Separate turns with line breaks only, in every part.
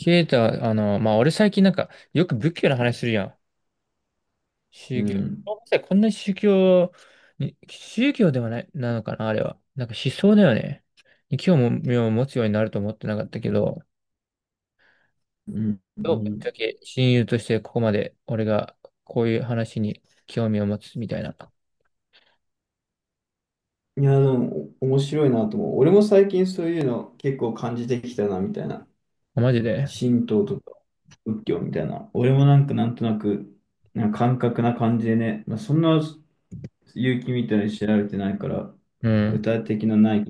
ケイタ、まあ、俺最近なんか、よく仏教の話するやん。
う
宗教。
ん。
ごめんなさい、こんなに宗教に、宗教ではない、なのかな、あれは。なんか思想だよね。に興味を持つようになると思ってなかったけど、
うん。う
どうぶっちゃ
ん。
け親友としてここまで俺がこういう話に興味を持つみたいな。
いや、でも、面白いなと思う。俺も最近そういうの結構感じてきたな、みたいな。
マジで。
神道とか仏教みたいな。俺もなんかなんとなく、なんか感覚な感じでね。まあ、そんな勇気みたいに調べてないから、
う
具
ん。
体的なない。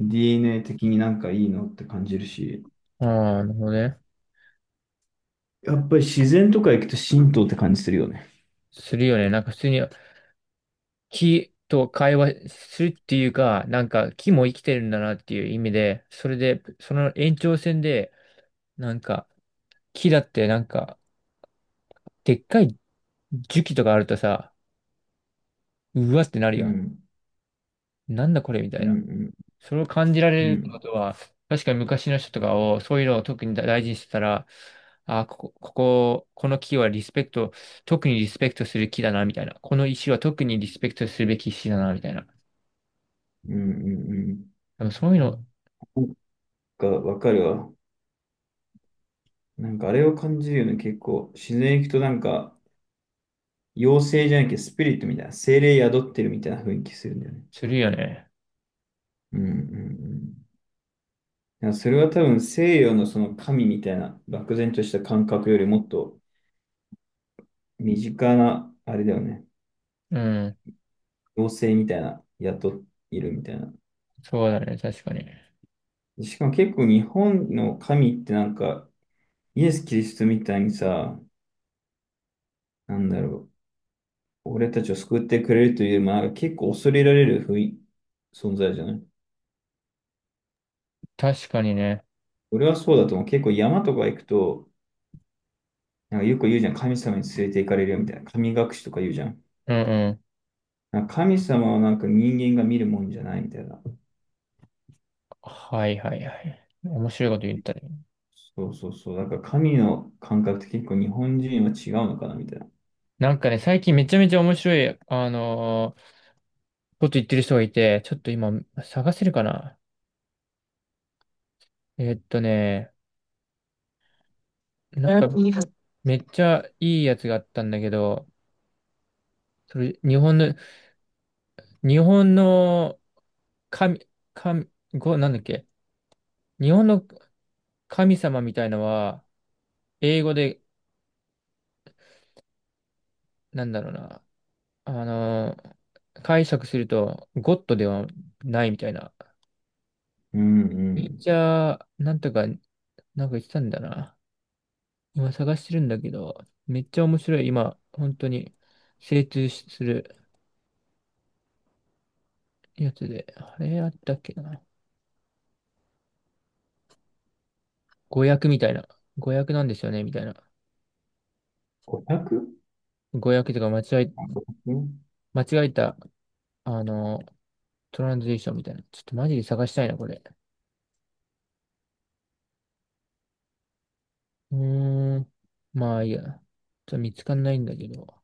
DNA 的になんかいいのって感じるし。
ああ、なるほどね。
やっぱり自然とか行くと神道って感じするよね。
するよね。なんか普通に木と会話するっていうか、なんか木も生きてるんだなっていう意味で、それで、その延長線で、なんか、木だってなんか、でっかい樹木とかあるとさ、うわってなる
う
やん。
ん。
なんだこれみた
う
いな。
ん
それを感じら
うん
れ
う
るってこ
ん。
とは、確かに昔の人とかを、そういうのを特に大事にしてたら、あ、ここ、ここ、この木はリスペクト、特にリスペクトする木だな、みたいな。この石は特にリスペクトするべき石だな、みたいな。
うんうんうん。
でもそういうの
なんかわかるわ。なんかあれを感じるよね、結構。自然行くとなんか、妖精じゃなきゃスピリットみたいな、精霊宿ってるみたいな雰囲気するんだよね。
するよね。
うんうんうん。いや、それは多分西洋のその神みたいな、漠然とした感覚よりもっと身近な、あれだよね。
うん。
妖精みたいな、宿いるみたいな。
そうだね。確かに。
しかも結構日本の神ってなんか、イエス・キリストみたいにさ、なんだろう、俺たちを救ってくれるというよりも、なんか結構恐れられる雰囲存在じゃない。
確かにね。
俺はそうだと思う。結構山とか行くと、なんかよく言うじゃん。神様に連れて行かれるよみたいな。神隠しとか言うじゃん。
うんうん。
なんか神様はなんか人間が見るもんじゃないみたいな。
はいはいはい。面白いこと言ったね。
そうそうそう。だから神の感覚って結構日本人は違うのかなみたいな。
なんかね、最近めちゃめちゃ面白いこと言ってる人がいて、ちょっと今探せるかな。えーっとね、なんかめっちゃいいやつがあったんだけど、それ日本の神、神なんだっけ、日本の神様みたいのは、英語で、なんだろうな、あのー解釈すると、ゴッドではないみたいな。
うんう
ネイー
ん。
チャー、なんとか、なんか言ってたんだな。今探してるんだけど、めっちゃ面白い。今、本当に精通しするやつで。あれあったっけな。誤訳みたいな。誤訳なんですよね、みたいな。
500？
誤訳とか
うん
間違えた、あの、トランスレーションみたいな。ちょっとマジで探したいな、これ。うーん。まあいいや。ちょっと見つかんないんだけど。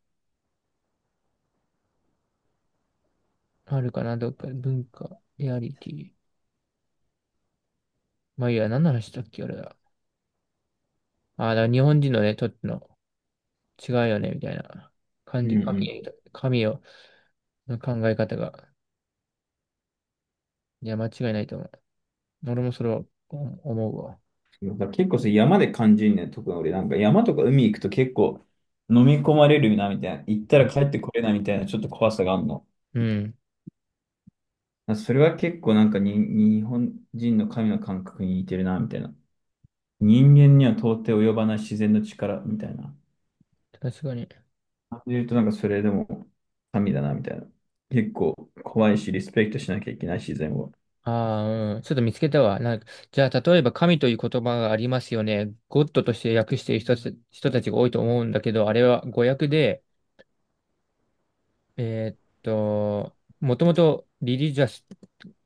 あるかな、どっか。文化、リアリティ。まあいいや、何の話したっけ、俺は。ああ、だから日本人のね、とっての違うよね、みたいな
う
感
ん
じ。
う
神、
ん。
神をの考え方が。いや、間違いないと思う。俺もそれはお思うわ。
だから結構それ山で感じるね。特に俺なんか山とか海行くと結構飲み込まれるなみたいな。行った
う
ら
ん。
帰ってこれないみたいなちょっと怖さがあるの。
うん、
だからそれは結構なんかに日本人の神の感覚に似てるなみたいな。
確かに。ああ、うん。ちょっと見つけたわ。なんか、じゃあ、例えば神という言葉がありますよね。ゴッドとして訳している人たちが多いと思うんだけど、あれは語訳で、もともとリリジャス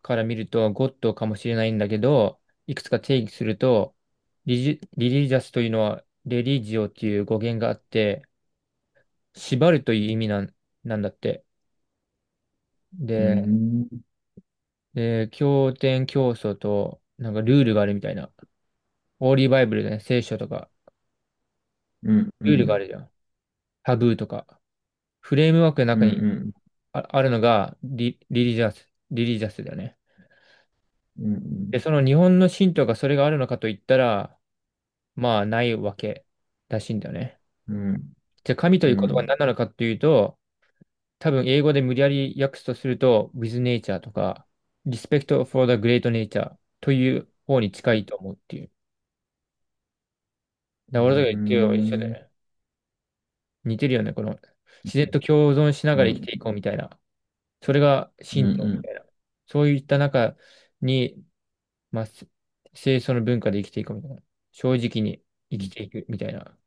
から見るとゴッドかもしれないんだけど、いくつか定義すると、リリジャスというのはレリジオっていう語源があって、縛るという意味なんだって。で、で、経典教祖と、なんかルールがあるみたいな。オーリーバイブルだね、聖書とか、ルールがあるじゃん。タブーとか。フレームワークの中にあるのがリリジャスだよね。で、その日本の神道がそれがあるのかといったら、まあ、ないわけらしいんだよね。じゃあ、神という言葉は何なのかというと、多分英語で無理やり訳すとすると、with nature とか、respect for the great nature という方に近いと思うっていう。だから俺とか言ってよ、一緒だよね。似てるよね、この、自然と共存しながら生きていこうみたいな。それが神道みたいな。そういった中に、まあ、清楚の文化で生きていこうみたいな。正直に生きていくみたいな。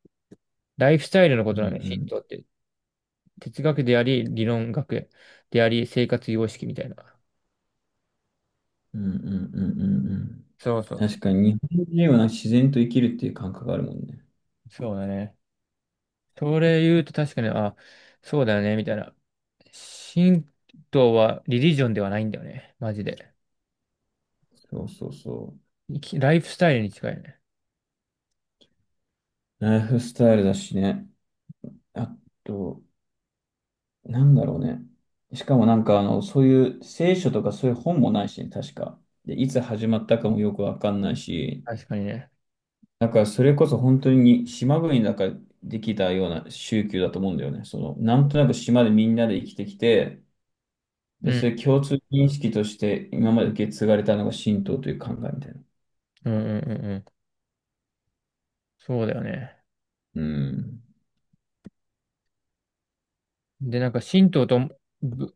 ライフスタイルのことなんだよ、神道って。哲学であり、理論学であり、生活様式みたいな。そうそうそう。そうだね。それ言うと確かに、あ、そうだよね、みたいな。神道はリリジョンではないんだよね、マジで。ライフスタイルに近いね。
なんだろうね。しかもなんか、あの、そういう聖書とかそういう本もないしね、確か。で、いつ始まったかもよくわかんないし、
確かにね。
だからそれこそ本当に島国だからできたような宗教だと思うんだよね。その、なんとなく島でみんなで生きてきて、
う
で、そ
ん。
れ共通認識として今まで受け継がれたのが神道という考えみたいな。
うんうんうんうん。そうだよね。
うん。
で、なんかぶ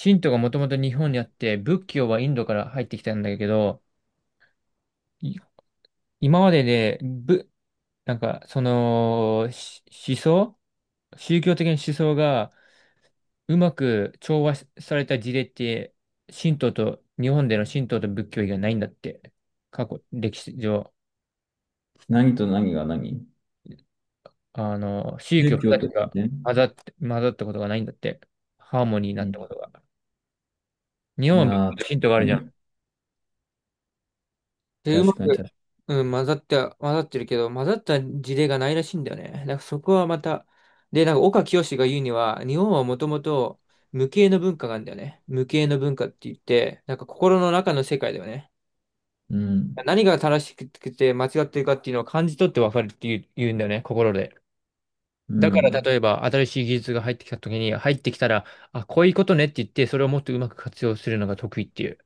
神道がもともと日本にあって、仏教はインドから入ってきたんだけど、い今までで、なんか、その、し思想宗教的な思想がうまく調和された事例って、神道と、日本での神道と仏教以外ないんだって。過去、歴史上、
何と何が何
宗教
宗教
二
と
つ
し
が
てね。
混ざったことがないんだって。ハーモニーになったこと
う
が。日本
ん。
は仏
ああ、
教と
確
神道があ
か
るじゃん。
に。
で、うま
確かに、
く、
確か
うん、混ざってるけど、混ざった事例がないらしいんだよね。だからそこはまた、で、なんか岡清が言うには、日本はもともと無形の文化があるんだよね。無形の文化って言って、なんか心の中の世界だよね。
に。うん。
何が正しくて間違ってるかっていうのを感じ取って分かるっていう言うんだよね、心で。
う
だから
ん。
例えば新しい技術が入ってきたら、あ、こういうことねって言って、それをもっとうまく活用するのが得意っていう。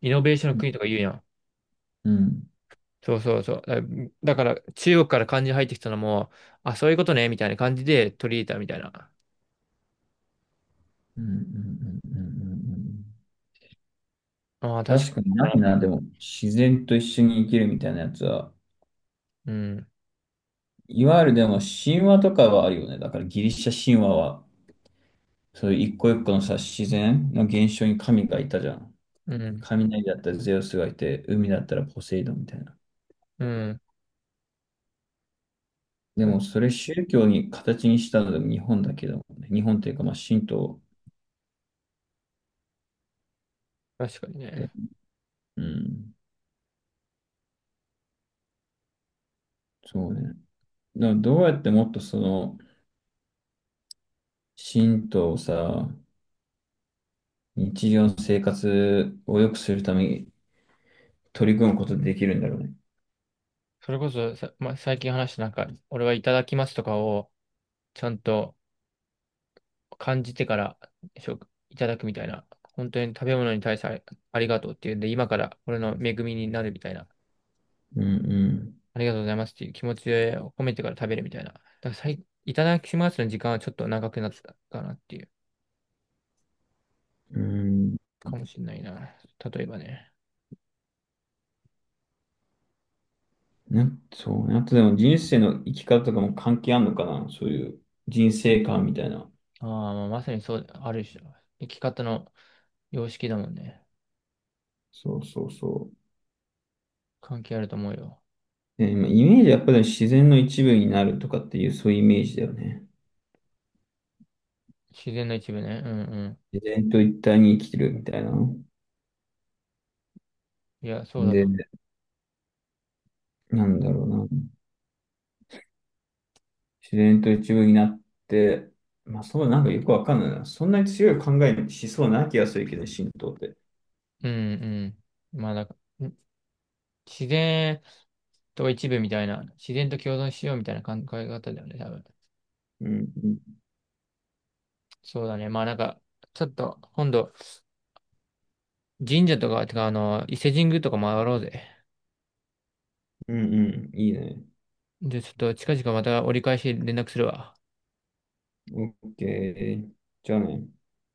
イノベーションの国とか言うやん。
うん。
そうそうそう。だから中国から漢字入ってきたのも、あ、そういうことね、みたいな感じで取り入れたみたいな。
うんうんうんうんうんうん。
ああ、確
確かにない
か
な、でも、自然と一緒に生きるみたいなやつは。
に。うん、
いわゆるでも、神話とかはあるよね。だから、ギリシャ神話は、そういう一個一個のさ、自然の現象に神がいたじゃん。
うん、
雷だったらゼウスがいて、海だったらポセイドンみたいな。
うん。
で
た
も、それ宗教に形にしたのでも日本だけどね。日本っていうか、まあ、神道
確かにね。
で。うん、そうね。だからどうやってもっとその、神道をさ、日常の生活を良くするために取り組むことでできるんだろうね。
それこそさ、まあ、最近話したなんか、俺はいただきますとかを、ちゃんと感じてからいただくみたいな。本当に食べ物に対してありがとうっていうんで、今から俺の恵みになるみたいな。
うん
ありがとうございますっていう気持ちを込めてから食べるみたいな。だからいただきますの時間はちょっと長くなってたかなっていう。
うん。うん。
かもしれないな。例えばね。
そうね。あとでも人生の生き方とかも関係あんのかな、そういう人生観みたいな。
ああ、まあまさにそう、ある種、生き方の様式だもんね。
そうそうそ
関係あると思うよ。
う。まあ、イメージはやっぱり自然の一部になるとかっていう、そういうイメージだよね。
自然の一部ね。うんう
自然と一体に生きてるみたいな。
ん。いや、そうだと。
で、なんだろうな。自然と一部になって、まあそう、なんかよくわかんないな。そんなに強い考えにしそうな気がするけど、神道って。
うんうん。まあ、だから自然と一部みたいな、自然と共存しようみたいな考え方だよね、多分。
うん、うん、
そうだね。まあなんか、ちょっと、今度、神社とか、てか、伊勢神宮とか回ろうぜ。
うん、うんいいね。
で、ちょっと近々また折り返し連絡するわ。
オッケー。じゃあね。